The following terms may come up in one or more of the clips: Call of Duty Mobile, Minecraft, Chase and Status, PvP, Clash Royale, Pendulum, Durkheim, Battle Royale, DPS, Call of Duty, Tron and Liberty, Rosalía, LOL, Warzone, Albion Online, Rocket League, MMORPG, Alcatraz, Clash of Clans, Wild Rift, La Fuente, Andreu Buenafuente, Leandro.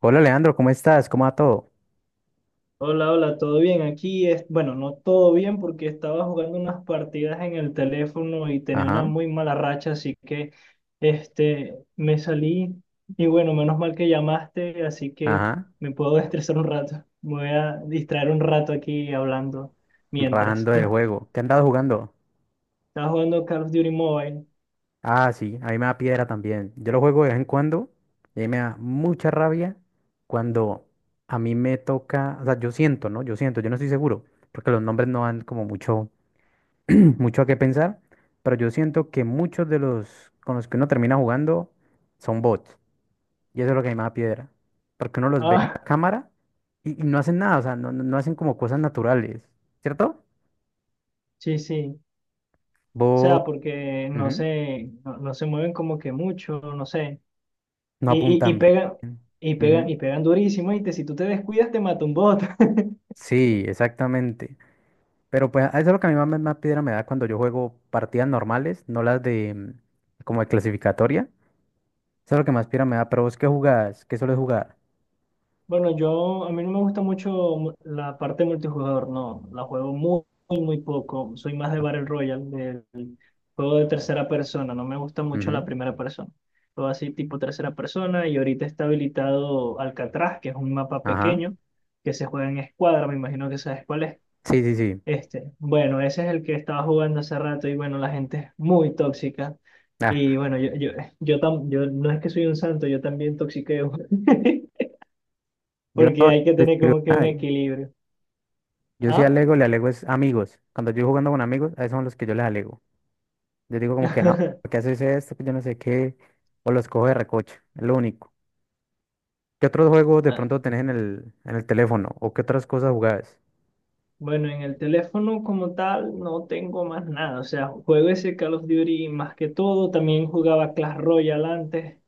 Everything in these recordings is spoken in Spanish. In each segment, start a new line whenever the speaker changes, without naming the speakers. Hola Leandro, ¿cómo estás? ¿Cómo va todo?
Hola, hola, ¿todo bien? Aquí es, bueno, no todo bien porque estaba jugando unas partidas en el teléfono y tenía una
Ajá,
muy mala racha, así que este me salí y bueno, menos mal que llamaste, así que
ajá,
me puedo estresar un rato. Me voy a distraer un rato aquí hablando mientras.
rajando el juego. ¿Qué han dado jugando?
Estaba jugando Call of Duty Mobile.
Ah, sí, a mí me da piedra también. Yo lo juego de vez en cuando y ahí me da mucha rabia cuando a mí me toca, o sea, yo siento, ¿no? Yo siento, yo no estoy seguro, porque los nombres no dan como mucho, mucho a qué pensar, pero yo siento que muchos de los con los que uno termina jugando son bots y eso es lo que a mí me da piedra, porque uno los ve en
Ah,
la cámara y, no hacen nada, o sea, no hacen como cosas naturales, ¿cierto?
sí, sí. O
Vos
sea, porque no
ujú,
se, no, no se mueven como que mucho, no sé.
no
Y, y
apuntan
pegan,
bien.
y pegan,
Ujú.
y pegan durísimo, y si tú te descuidas te mata un bot.
Sí, exactamente. Pero pues eso es lo que a mi mamá más piedra me da cuando yo juego partidas normales, no las de como de clasificatoria. Eso es lo que más piedra me da. Pero vos qué jugás, qué sueles jugar.
Bueno, yo, a mí no me gusta mucho mu- la parte multijugador, no, la juego muy, muy, muy poco, soy más de Battle Royale, del juego de tercera persona, no me gusta mucho la
Ujú.
primera persona. Juego así tipo tercera persona, y ahorita está habilitado Alcatraz, que es un mapa
Ajá.
pequeño, que se juega en escuadra, me imagino que sabes cuál es.
Sí, sí, sí.
Este, bueno, ese es el que estaba jugando hace rato y bueno, la gente es muy tóxica.
Ah,
Y bueno, yo, tam- yo no es que soy un santo, yo también toxiqueo,
yo no
porque hay que
le
tener
escribo
como que
a
un
nadie.
equilibrio.
Yo sí
¿Ah?
alego, le alego es amigos. Cuando yo estoy jugando con amigos, a esos son los que yo les alego. Yo digo como que no, ¿por qué haces esto? Que yo no sé qué. O los cojo de recocha. Es lo único. ¿Qué otros juegos de
Ah,
pronto tenés en el teléfono? ¿O qué otras cosas jugás?
bueno, en el teléfono como tal no tengo más nada, o sea, juego ese Call of Duty más que todo, también jugaba Clash Royale antes.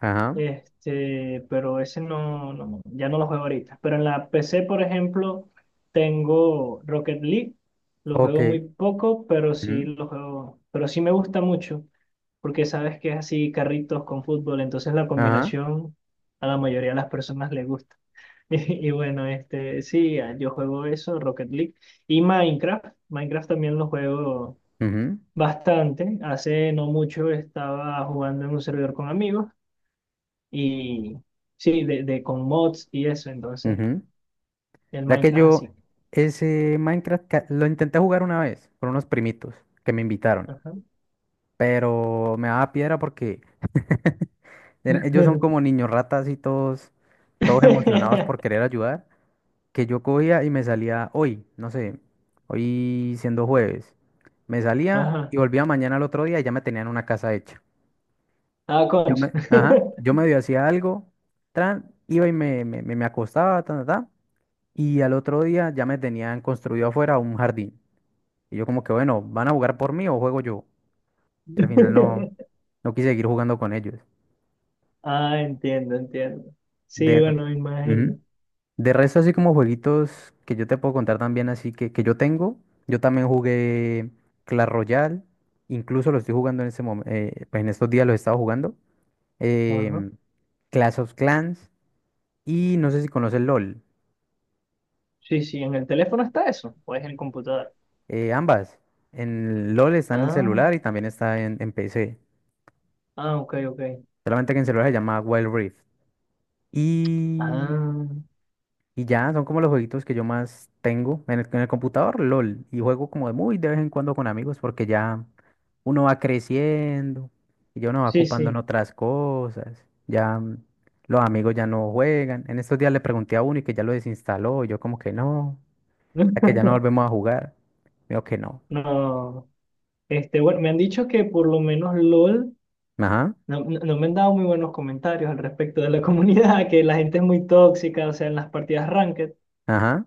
Ajá,
Este, pero ese no, no, ya no lo juego ahorita. Pero en la PC, por ejemplo, tengo Rocket League. Lo
ok.
juego muy poco, pero sí
Ujú,
lo juego, pero sí me gusta mucho, porque sabes que es así carritos con fútbol, entonces la
ajá,
combinación a la mayoría de las personas le gusta. Y, bueno, este, sí, yo juego eso, Rocket League y Minecraft. Minecraft también lo juego
ujú,
bastante. Hace no mucho estaba jugando en un servidor con amigos y sí, de con mods y eso, entonces
ujú.
el
Ya que
Minecraft así.
yo ese Minecraft lo intenté jugar una vez con unos primitos que me invitaron,
Ajá.
pero me daba piedra porque ellos son como niños ratas y todos, todos emocionados por querer ayudar, que yo cogía y me salía hoy, no sé, hoy siendo jueves, me salía
Ajá.
y volvía mañana al otro día y ya me tenían una casa hecha.
Ah,
Yo
concha.
me, ajá, yo medio hacía algo, tran, iba y me acostaba, ta, ta, ta, y al otro día ya me tenían construido afuera un jardín. Y yo como que, bueno, ¿van a jugar por mí o juego yo? Y al final no, no quise seguir jugando con ellos.
Ah, entiendo, entiendo. Sí,
De, re-
bueno, me
ujú.
imagino.
De resto, así como jueguitos que yo te puedo contar también, así que yo tengo, yo también jugué Clash Royale, incluso lo estoy jugando en ese momento, pues en estos días lo he estado jugando,
Ajá.
em, Clash of Clans, y no sé si conoces LOL.
Sí, sí, en el teléfono está eso, o es en el computador.
Ambas. En LOL está en el
Ah,
celular y también está en PC.
ah, ok, ok.
Solamente que en celular se llama Wild Rift. Y,
Ah,
y ya, son como los jueguitos que yo más tengo en el computador, LOL. Y juego como de muy de vez en cuando con amigos porque ya uno va creciendo y ya uno va
sí,
ocupando en
sí.
otras cosas. Ya los amigos ya no juegan. En estos días le pregunté a uno y que ya lo desinstaló. Y yo como que no, ya que ya no volvemos a jugar. Me dijo que no.
No, este, bueno, me han dicho que por lo menos LOL
Ajá,
no, no- no me han dado muy buenos comentarios al respecto de la comunidad, que la gente es muy tóxica, o sea, en las partidas ranked
ajá,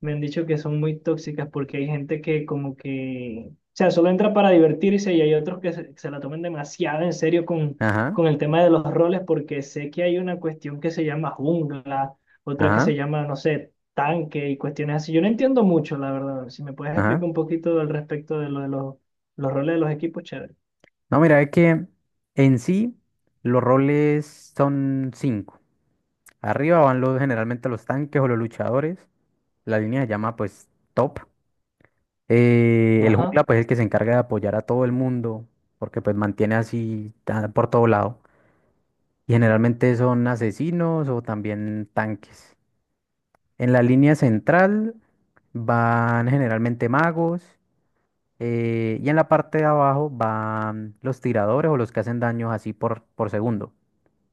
me han dicho que son muy tóxicas porque hay gente que como que, o sea, solo entra para divertirse y hay otros que se la toman demasiado en serio
ajá,
con el tema de los roles porque sé que hay una cuestión que se llama jungla, otra que se
ajá.
llama, no sé, tanque y cuestiones así. Yo no entiendo mucho, la verdad. Si me puedes
Ajá.
explicar un poquito al respecto de lo de los roles de los equipos, chévere.
No, mira, es que en sí los roles son cinco. Arriba van los, generalmente los tanques o los luchadores. La línea se llama pues top. El
Ajá.
jungla pues es el que se encarga de apoyar a todo el mundo porque pues mantiene así por todo lado. Y generalmente son asesinos o también tanques. En la línea central van generalmente magos. Eh, y en la parte de abajo van los tiradores o los que hacen daños así por segundo.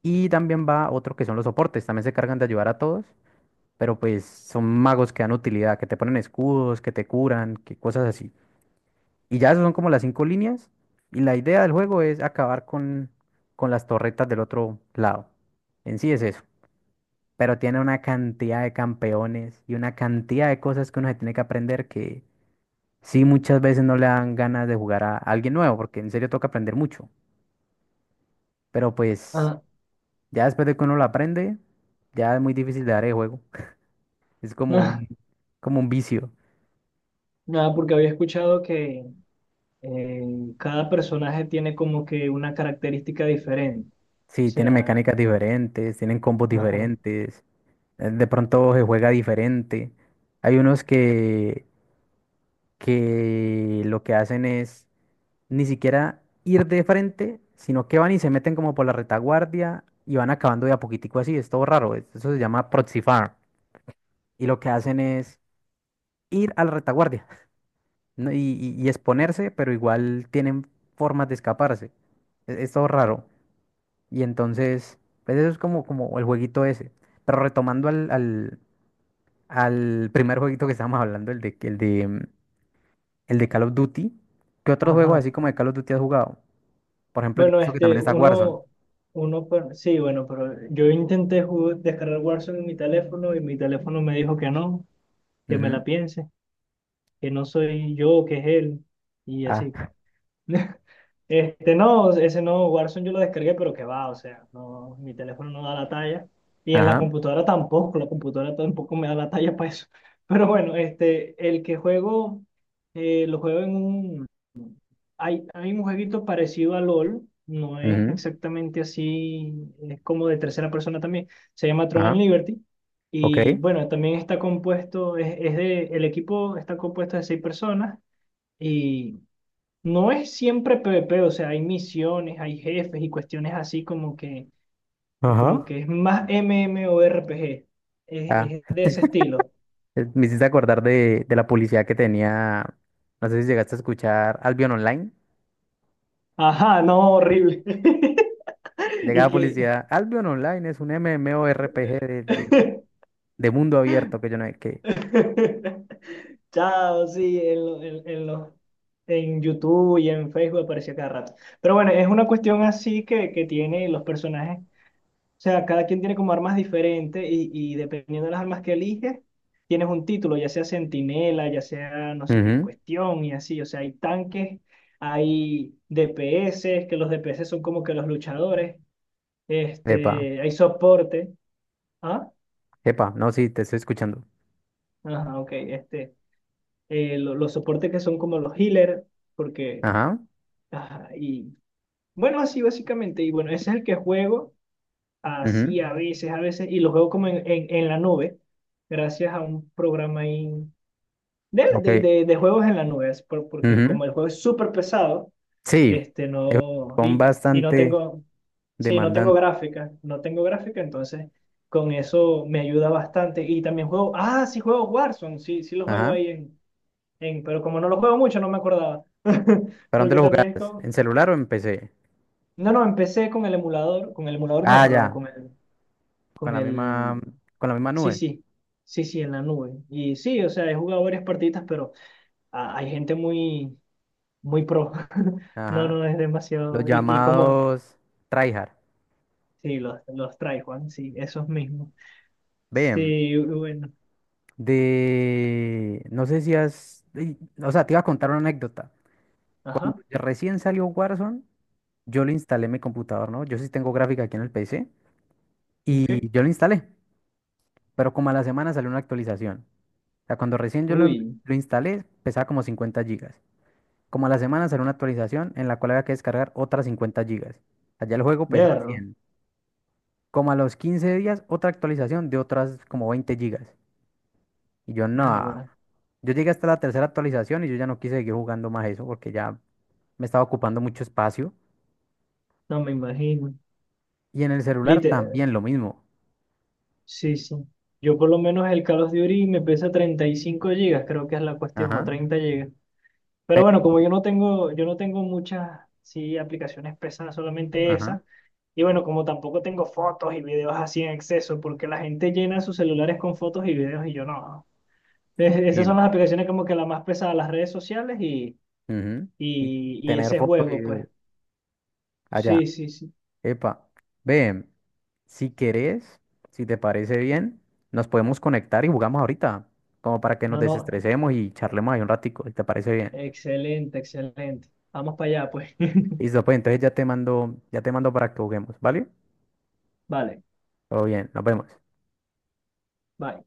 Y también va otro que son los soportes, también se cargan de ayudar a todos, pero pues son magos que dan utilidad, que te ponen escudos, que te curan, que cosas así. Y ya esas son como las cinco líneas. Y la idea del juego es acabar con las torretas del otro lado. En sí es eso. Pero tiene una cantidad de campeones y una cantidad de cosas que uno se tiene que aprender que sí muchas veces no le dan ganas de jugar a alguien nuevo, porque en serio toca aprender mucho. Pero pues
Ah.
ya después de que uno lo aprende, ya es muy difícil de dar el juego. Es como un vicio.
Nada, porque había escuchado que eh, cada personaje tiene como que una característica diferente. O
Sí, tiene
sea,
mecánicas diferentes, tienen combos
ajá,
diferentes, de pronto se juega diferente. Hay unos que lo que hacen es ni siquiera ir de frente, sino que van y se meten como por la retaguardia y van acabando de a poquitico así. Es todo raro. Eso se llama proxy farm. Y lo que hacen es ir a la retaguardia ¿no? y, y exponerse, pero igual tienen formas de escaparse. Es todo raro. Y entonces, pues eso es como, como el jueguito ese. Pero retomando al primer jueguito que estábamos hablando, el de, el de, el de Call of Duty, ¿qué otros juegos
ajá.
así como de Call of Duty has jugado? Por ejemplo, yo
Bueno,
pienso que
este,
también está Warzone.
uno, per- sí, bueno, pero yo intenté ju- descargar Warzone en mi teléfono y mi teléfono me dijo que no, que me
Ujú.
la piense, que no soy yo, que es él, y así
Ah,
pues. Este, no, ese no, Warzone yo lo descargué, pero que va, o sea, no, mi teléfono no da la talla. Y en
ajá,
la computadora tampoco me da la talla para eso. Pero bueno, este, el que juego, lo juego en un... Hay un jueguito parecido a LOL, no es
ujú,
exactamente así, es como de tercera persona también, se llama Tron and
ajá,
Liberty.
ok.
Y bueno, también está compuesto, es de, el equipo está compuesto de seis personas. Y no es siempre PvP, o sea, hay misiones, hay jefes y cuestiones así como
Ajá.
que es más MMORPG,
Ah,
es de ese estilo.
me hiciste acordar de la publicidad que tenía, no sé si llegaste a escuchar Albion Online.
Ajá, no, horrible. Y
Llegaba
que...
publicidad, Albion Online es un MMORPG de mundo abierto que yo no sé
Chao, sí, en, lo- en los- en YouTube y en Facebook aparecía cada rato. Pero bueno, es una cuestión así que tiene los personajes. O sea, cada quien tiene como armas diferentes y dependiendo de las armas que eliges, tienes un título, ya sea centinela, ya sea no sé qué
qué.
cuestión y así. O sea, hay tanques, hay DPS, que los DPS son como que los luchadores,
Epa,
este, hay soporte. Ah,
epa, no, sí, te estoy escuchando.
ajá, ok, este, lo- los soportes que son como los healers, porque,
Ajá,
ajá, y bueno, así básicamente. Y bueno, ese es el que juego.
ujú,
Así a veces, y los juego como en la nube, gracias a un programa ahí de,
ok,
de, de, de juegos en la nube, es por- porque
ujú.
como el juego es súper pesado,
Sí,
este
es un
no,
juego
y no
bastante
tengo, sí, no tengo
demandante.
gráfica, no tengo gráfica, entonces con eso me ayuda bastante. Y también juego, ah, sí juego Warzone, sí, sí lo juego
Ajá,
ahí en, pero como no lo juego mucho, no me acordaba,
¿para dónde
porque
lo
también es
jugabas? ¿En
como,
celular o en PC?
no, no, empecé con el emulador no,
Ah,
perdón,
ya, con
con
la misma,
el
con la misma
sí,
nube.
sí, sí, sí, en la nube. Y sí, o sea, he jugado varias partidas, pero ah, hay gente muy, muy pro. No,
Ajá,
no, es
los
demasiado. Y como,
llamados tryhard.
sí, los trae, Juan, sí, esos mismos.
Bien,
Sí, bueno,
de, no sé si has, o sea, te iba a contar una anécdota.
ajá,
Recién salió Warzone, yo lo instalé en mi computador, ¿no? Yo sí tengo gráfica aquí en el PC y
ok.
yo lo instalé. Pero como a la semana salió una actualización. O sea, cuando recién yo lo,
Uy,
lo instalé, pesaba como 50 gigas. Como a la semana salió una actualización en la cual había que descargar otras 50 gigas. Allá el juego pesaba
verlo.
100. Como a los 15 días, otra actualización de otras como 20 gigas. Y yo,
Ah,
no.
bueno,
Yo llegué hasta la tercera actualización y yo ya no quise seguir jugando más eso porque ya me estaba ocupando mucho espacio.
no me imagino.
Y en el celular
Literal,
también lo mismo.
sí, sí. Yo por lo menos el Call of Duty me pesa 35 gigas, creo que es la cuestión, o
Ajá.
30 gigas. Pero
pe-
bueno, como yo no tengo muchas, sí, aplicaciones pesadas, solamente
Ajá.
esa. Y bueno, como tampoco tengo fotos y videos así en exceso, porque la gente llena sus celulares con fotos y videos y yo no. Es- Esas
Sí.
son las aplicaciones como que la más pesada, las redes sociales
Ujú, y
y
tener
ese
foto y
juego,
video.
pues.
Allá.
Sí, sí, sí.
Epa. Ve. Si querés, si te parece bien, nos podemos conectar y jugamos ahorita, como para que nos
No, no.
desestresemos y charlemos ahí un ratico, si te parece bien.
Excelente, excelente. Vamos para allá, pues.
Listo, pues entonces ya te mando para que juguemos, ¿vale?
Vale,
Todo bien, nos vemos.
bye.